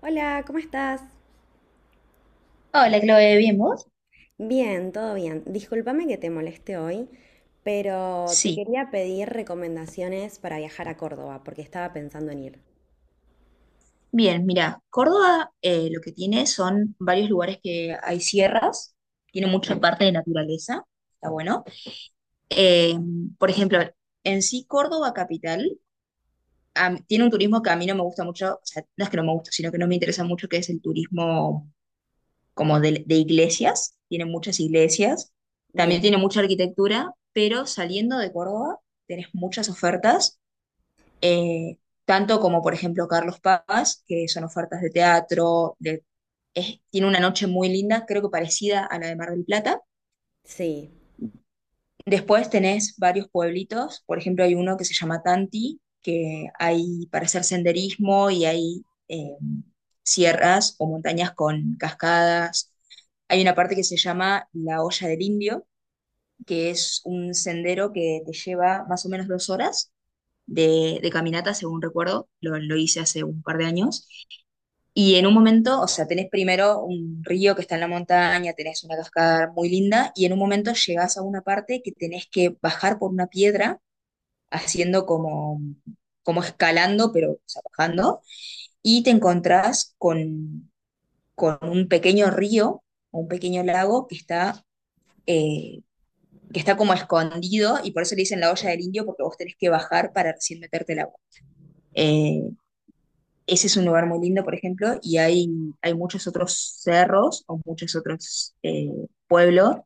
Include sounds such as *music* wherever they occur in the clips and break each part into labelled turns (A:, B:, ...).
A: Hola, ¿cómo estás?
B: Hola, Chloe, ¿bien vos?
A: Bien, todo bien. Discúlpame que te moleste hoy, pero te
B: Sí,
A: quería pedir recomendaciones para viajar a Córdoba, porque estaba pensando en ir.
B: bien, mira, Córdoba lo que tiene son varios lugares que hay sierras, tiene mucha parte de naturaleza, está bueno. Eh, por ejemplo, en sí Córdoba capital tiene un turismo que a mí no me gusta mucho, o sea, no es que no me gusta, sino que no me interesa mucho, que es el turismo como de iglesias, tiene muchas iglesias, también
A: Bien,
B: tiene mucha arquitectura, pero saliendo de Córdoba tenés muchas ofertas eh, tanto como por ejemplo Carlos Paz, que son ofertas de teatro, de, tiene una noche muy linda, creo que parecida a la de Mar del Plata.
A: sí.
B: Después tenés varios pueblitos, por ejemplo hay uno que se llama Tanti, que hay para hacer senderismo y hay sierras o montañas con cascadas. Hay una parte que se llama La Olla del Indio, que es un sendero que te lleva más o menos dos horas de caminata, según recuerdo, lo hice hace un par de años. Y en un momento, o sea, tenés primero un río que está en la montaña, tenés una cascada muy linda, y en un momento llegás a una parte que tenés que bajar por una piedra, haciendo como, como escalando, pero o sea, bajando, y te encontrás con un pequeño río, un pequeño lago eh, que está como escondido, y por eso le dicen la olla del indio, porque vos tenés que bajar para recién meterte el agua. Eh, Ese es un lugar muy lindo, por ejemplo, y hay muchos otros cerros o muchos otros pueblos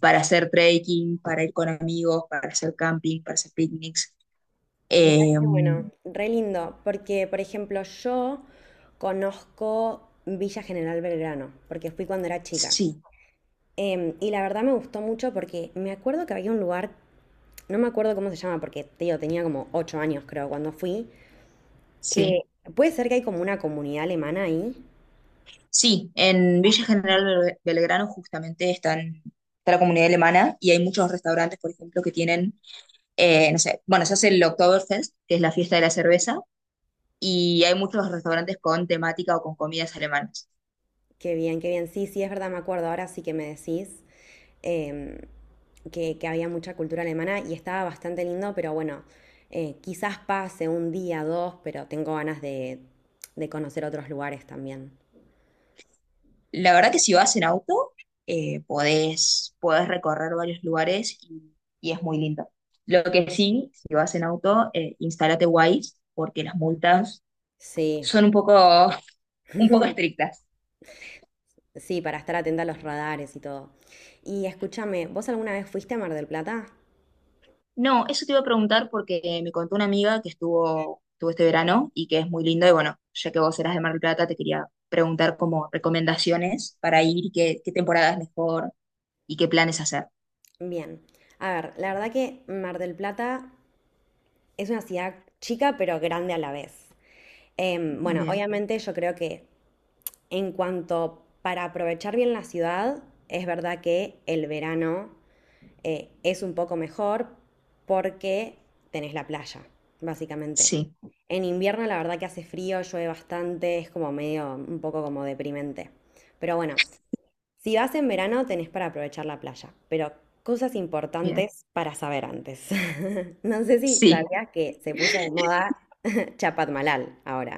B: para hacer trekking, para ir con amigos, para hacer camping, para hacer picnics.
A: Mirá
B: Eh,
A: que bueno, re lindo, porque por ejemplo yo conozco Villa General Belgrano, porque fui cuando era chica.
B: sí,
A: Y la verdad me gustó mucho porque me acuerdo que había un lugar, no me acuerdo cómo se llama, porque te digo, tenía como 8 años creo cuando fui, que
B: sí.
A: puede ser que hay como una comunidad alemana ahí.
B: Sí, en Villa General Belgrano justamente están, está la comunidad alemana y hay muchos restaurantes, por ejemplo, que tienen, no sé, bueno, se hace el Oktoberfest, que es la fiesta de la cerveza, y hay muchos restaurantes con temática o con comidas alemanas.
A: Qué bien, qué bien. Sí, sí, es verdad, me acuerdo. Ahora sí que me decís em, que había mucha cultura alemana y estaba bastante lindo, pero bueno, quizás pase un día, dos, pero tengo ganas de conocer otros lugares también.
B: La verdad que si vas en auto, podés, podés recorrer varios lugares y es muy lindo. Lo que sí, si vas en auto, instálate Waze porque las multas
A: Sí,
B: son un poco, *laughs* un poco
A: *laughs*
B: estrictas.
A: sí, para estar atenta a los radares y todo. Y escúchame, ¿vos alguna vez fuiste a Mar del Plata?
B: No, eso te iba a preguntar porque me contó una amiga que estuvo, estuvo este verano y que es muy lindo y bueno, ya que vos eras de Mar del Plata, te quería preguntar como recomendaciones para ir, y qué, qué temporada es mejor y qué planes hacer.
A: Bien. A ver, la verdad que Mar del Plata es una ciudad chica pero grande a la vez. Bueno,
B: Bien,
A: obviamente yo creo que en cuanto para aprovechar bien la ciudad, es verdad que el verano es un poco mejor porque tenés la playa, básicamente.
B: sí,
A: En invierno la verdad que hace frío, llueve bastante, es como medio un poco como deprimente. Pero bueno, si vas en verano, tenés para aprovechar la playa, pero cosas
B: bien.
A: importantes para saber antes. *laughs* No sé si
B: Sí,
A: sabías que se puso de moda *laughs* Chapadmalal ahora.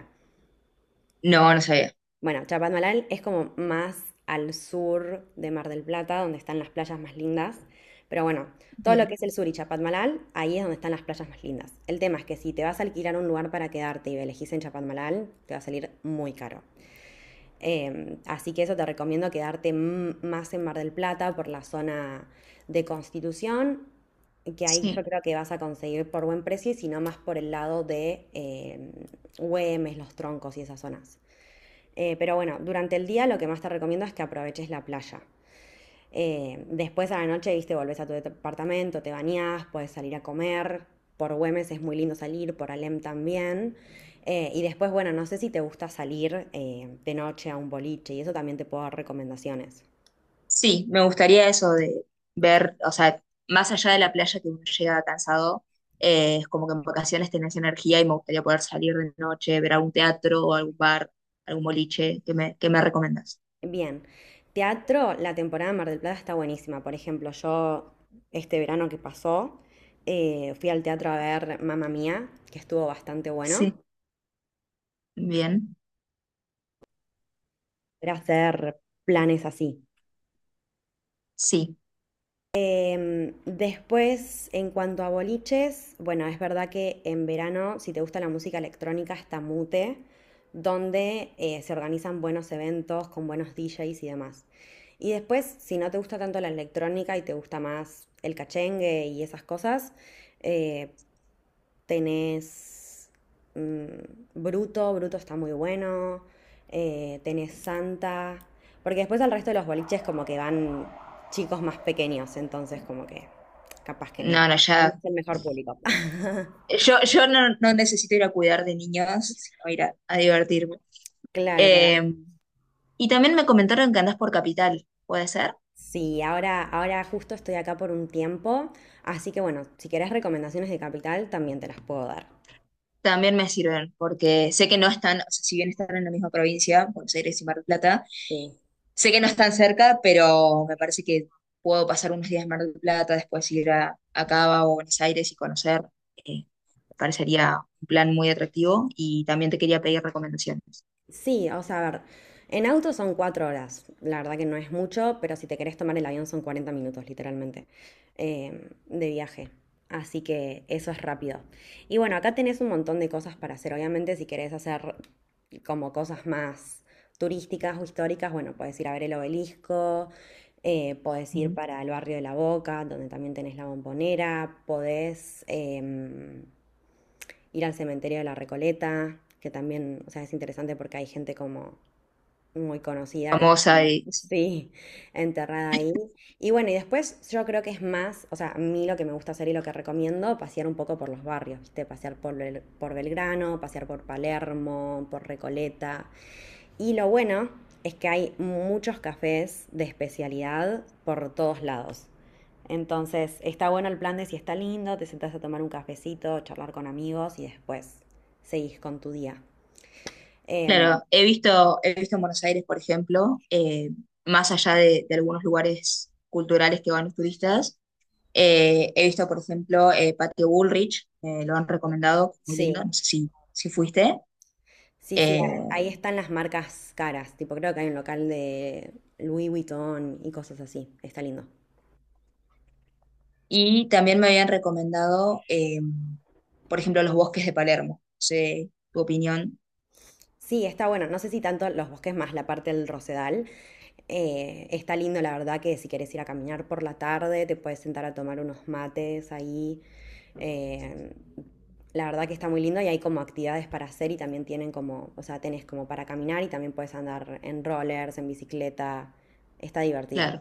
B: no, no sabía.
A: Bueno, Chapadmalal es como más al sur de Mar del Plata, donde están las playas más lindas. Pero bueno, todo lo que
B: Bien.
A: es el sur y Chapadmalal, ahí es donde están las playas más lindas. El tema es que si te vas a alquilar un lugar para quedarte y elegís en Chapadmalal, te va a salir muy caro. Así que eso te recomiendo quedarte más en Mar del Plata por la zona de Constitución, que ahí yo
B: Sí,
A: creo que vas a conseguir por buen precio, y si no más por el lado de Güemes, Los Troncos y esas zonas. Pero bueno, durante el día lo que más te recomiendo es que aproveches la playa. Después a la noche, viste, volvés a tu departamento, te bañás, puedes salir a comer. Por Güemes es muy lindo salir, por Alem también. Y después, bueno, no sé si te gusta salir de noche a un boliche y eso también te puedo dar recomendaciones.
B: sí, me gustaría eso de ver, o sea, más allá de la playa que uno llega cansado, es como que en vacaciones tenés energía y me gustaría poder salir de noche, ver algún teatro o algún bar, algún boliche, qué me recomendás?
A: Bien, teatro, la temporada de Mar del Plata está buenísima. Por ejemplo, yo este verano que pasó fui al teatro a ver Mamma Mía, que estuvo bastante bueno.
B: Sí. Bien,
A: Era hacer planes así.
B: sí.
A: Después, en cuanto a boliches, bueno, es verdad que en verano, si te gusta la música electrónica, está Mute, donde se organizan buenos eventos con buenos DJs y demás. Y después, si no te gusta tanto la electrónica y te gusta más el cachengue y esas cosas, eh, tenés mm, Bruto, Bruto está muy bueno. Tenés Santa. Porque después al resto de los boliches como que van chicos más pequeños, entonces como que capaz que no.
B: No, no,
A: No es
B: ya,
A: el mejor público. *laughs*
B: yo no, no necesito ir a, cuidar de niños, sino ir a divertirme.
A: Claro, claro.
B: Eh, y también me comentaron que andás por Capital, ¿puede ser?
A: Sí, ahora, ahora justo estoy acá por un tiempo, así que bueno, si querés recomendaciones de Capital, también te las puedo dar.
B: También me sirven, porque sé que no están, o sea, si bien están en la misma provincia, Buenos Aires y Mar del Plata,
A: Sí.
B: sé que no están cerca, pero me parece que puedo pasar unos días en Mar del Plata, después ir a Cava o Buenos Aires y conocer. eh, Me parecería un plan muy atractivo y también te quería pedir recomendaciones.
A: Sí, o sea, a ver, en auto son cuatro horas, la verdad que no es mucho, pero si te querés tomar el avión son 40 minutos, literalmente, eh, de viaje. Así que eso es rápido. Y bueno, acá tenés un montón de cosas para hacer. Obviamente, si querés hacer como cosas más turísticas o históricas, bueno, podés ir a ver el obelisco, podés ir
B: Ujú.
A: para el barrio de La Boca, donde también tenés la Bombonera, podés... ir al cementerio de la Recoleta, que también, o sea, es interesante porque hay gente como muy conocida que está,
B: Sí.
A: sí, enterrada ahí. Y bueno, y después yo creo que es más, o sea, a mí lo que me gusta hacer y lo que recomiendo, pasear un poco por los barrios, ¿viste? Pasear por, por Belgrano, pasear por Palermo, por Recoleta, y lo bueno es que hay muchos cafés de especialidad por todos lados. Entonces, está bueno el plan de si está lindo, te sentás a tomar un cafecito, charlar con amigos y después seguís con tu día. Em,
B: Claro, he visto en Buenos Aires, por ejemplo, más allá de algunos lugares culturales que van los turistas. He visto, por ejemplo, Patio Bullrich, lo han recomendado, muy lindo,
A: sí,
B: no sé si, si fuiste.
A: sí, sí,
B: Eh,
A: ahí están las marcas caras. Tipo, creo que hay un local de Louis Vuitton y cosas así. Está lindo.
B: y también me habían recomendado, por ejemplo, los bosques de Palermo. No sé tu opinión.
A: Sí, está bueno. No sé si tanto los bosques más la parte del Rosedal. Está lindo, la verdad, que si quieres ir a caminar por la tarde, te puedes sentar a tomar unos mates ahí. Eh, la verdad que está muy lindo y hay como actividades para hacer y también tienen como, o sea, tenés como para caminar y también puedes andar en rollers, en bicicleta. Está divertido.
B: Claro.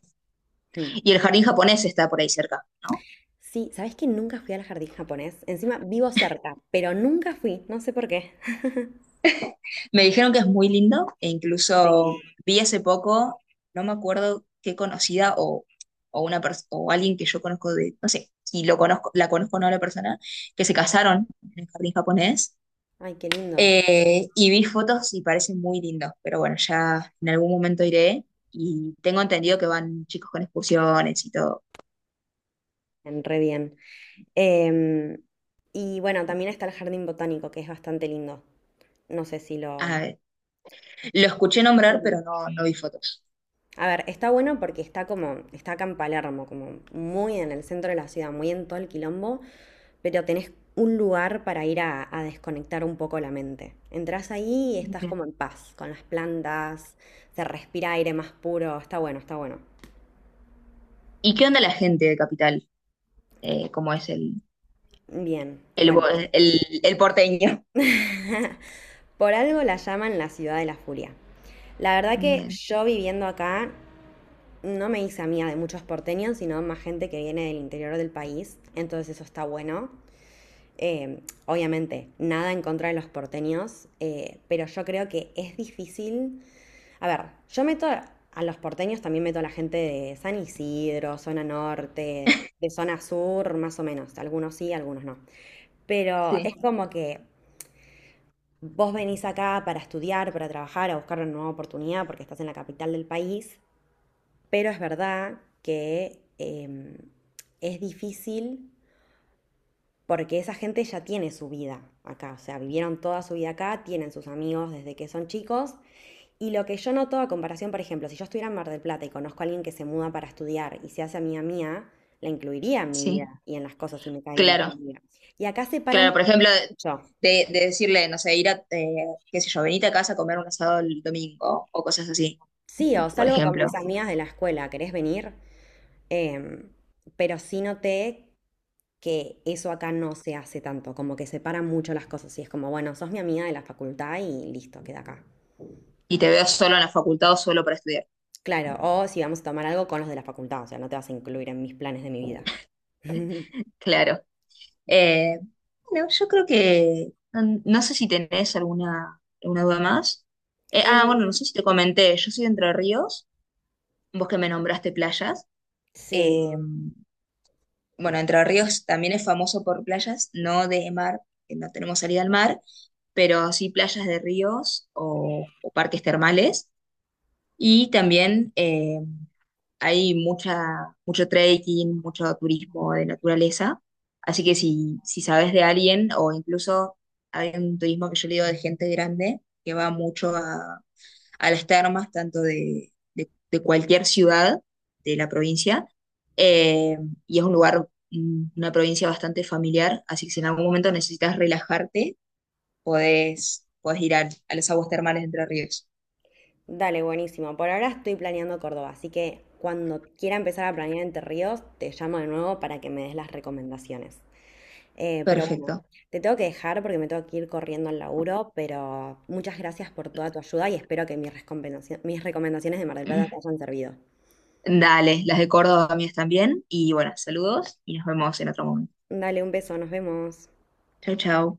A: Mm.
B: Y el jardín japonés está por ahí cerca, ¿no?
A: Sí, ¿sabés que nunca fui al jardín japonés? Encima vivo cerca, pero nunca fui, no sé por qué. *laughs*
B: Me dijeron que es muy lindo e
A: Sí.
B: incluso vi hace poco, no me acuerdo qué conocida o una o alguien que yo conozco de, no sé, si lo conozco, la conozco o no a la persona, que se casaron en el jardín japonés.
A: Ay, qué lindo.
B: Y vi fotos y parece muy lindo, pero bueno, ya en algún momento iré y tengo entendido que van chicos con excursiones y todo.
A: En Re bien. Em, y bueno, también está el jardín botánico, que es bastante lindo. No sé si
B: A
A: lo...
B: ver, lo escuché nombrar,
A: Sí.
B: pero no, no vi fotos.
A: A ver, está bueno porque está como, está acá en Palermo, como muy en el centro de la ciudad, muy en todo el quilombo, pero tenés un lugar para ir a desconectar un poco la mente. Entrás ahí y estás
B: Bien.
A: como en paz, con las plantas, se respira aire más puro, está bueno, está bueno.
B: ¿Y qué onda la gente de Capital? ¿Cómo es
A: Bien,
B: el,
A: bueno,
B: el porteño?
A: *laughs* por algo la llaman la ciudad de la furia. La verdad que
B: Bien.
A: yo viviendo acá no me hice amiga de muchos porteños, sino más gente que viene del interior del país, entonces eso está bueno. Obviamente, nada en contra de los porteños, pero yo creo que es difícil. A ver, yo meto a los porteños, también meto a la gente de San Isidro, zona norte, de zona sur, más o menos. Algunos sí, algunos no. Pero es
B: Sí,
A: como que vos venís acá para estudiar, para trabajar, a buscar una nueva oportunidad porque estás en la capital del país pero es verdad que es difícil porque esa gente ya tiene su vida acá, o sea, vivieron toda su vida acá, tienen sus amigos desde que son chicos. Y lo que yo noto a comparación, por ejemplo, si yo estuviera en Mar del Plata y conozco a alguien que se muda para estudiar y se hace amiga mía, la incluiría en mi
B: sí,
A: vida y en las cosas si me cae bien esa
B: claro.
A: amiga. Y acá
B: Claro, por
A: separan
B: ejemplo,
A: mucho.
B: de decirle, no sé, ir a, qué sé yo, venite a casa a comer un asado el domingo o cosas así,
A: Sí, o
B: por
A: salgo con mis
B: ejemplo.
A: amigas de la escuela, ¿querés venir? Em, pero sí noté que eso acá no se hace tanto, como que separan mucho las cosas y es como, bueno, sos mi amiga de la facultad y listo, queda acá.
B: Y te veo solo en la facultad o solo para estudiar.
A: Claro, o si vamos a tomar algo con los de la facultad, o sea, no te vas a incluir en mis planes de mi vida. *laughs*
B: Claro. Eh, bueno, yo creo que no, no sé si tenés alguna, alguna duda más.
A: Eh,
B: Ah, bueno, no sé si te comenté, yo soy de Entre Ríos, vos que me nombraste playas.
A: sí,
B: Eh, bueno, Entre Ríos también es famoso por playas, no de mar, que no tenemos salida al mar, pero sí playas de ríos o parques termales. Y también hay mucha, mucho trekking, mucho turismo de naturaleza. Así que si, si sabes de alguien, o incluso hay un turismo que yo le digo de gente grande, que va mucho a las termas, tanto de, de cualquier ciudad de la provincia, eh, y es un lugar, mm, una provincia bastante familiar, así que si en algún momento necesitas relajarte, podés, podés ir a, las aguas termales de Entre Ríos.
A: dale, buenísimo. Por ahora estoy planeando Córdoba, así que cuando quiera empezar a planear Entre Ríos, te llamo de nuevo para que me des las recomendaciones. Pero bueno,
B: Perfecto.
A: te tengo que dejar porque me tengo que ir corriendo al laburo, pero muchas gracias por toda tu ayuda y espero que mis mis recomendaciones de Mar del Plata te hayan servido.
B: Dale, las de Córdoba mías también. Y bueno, saludos y nos vemos en otro momento.
A: Dale un beso, nos vemos.
B: Chau, chau.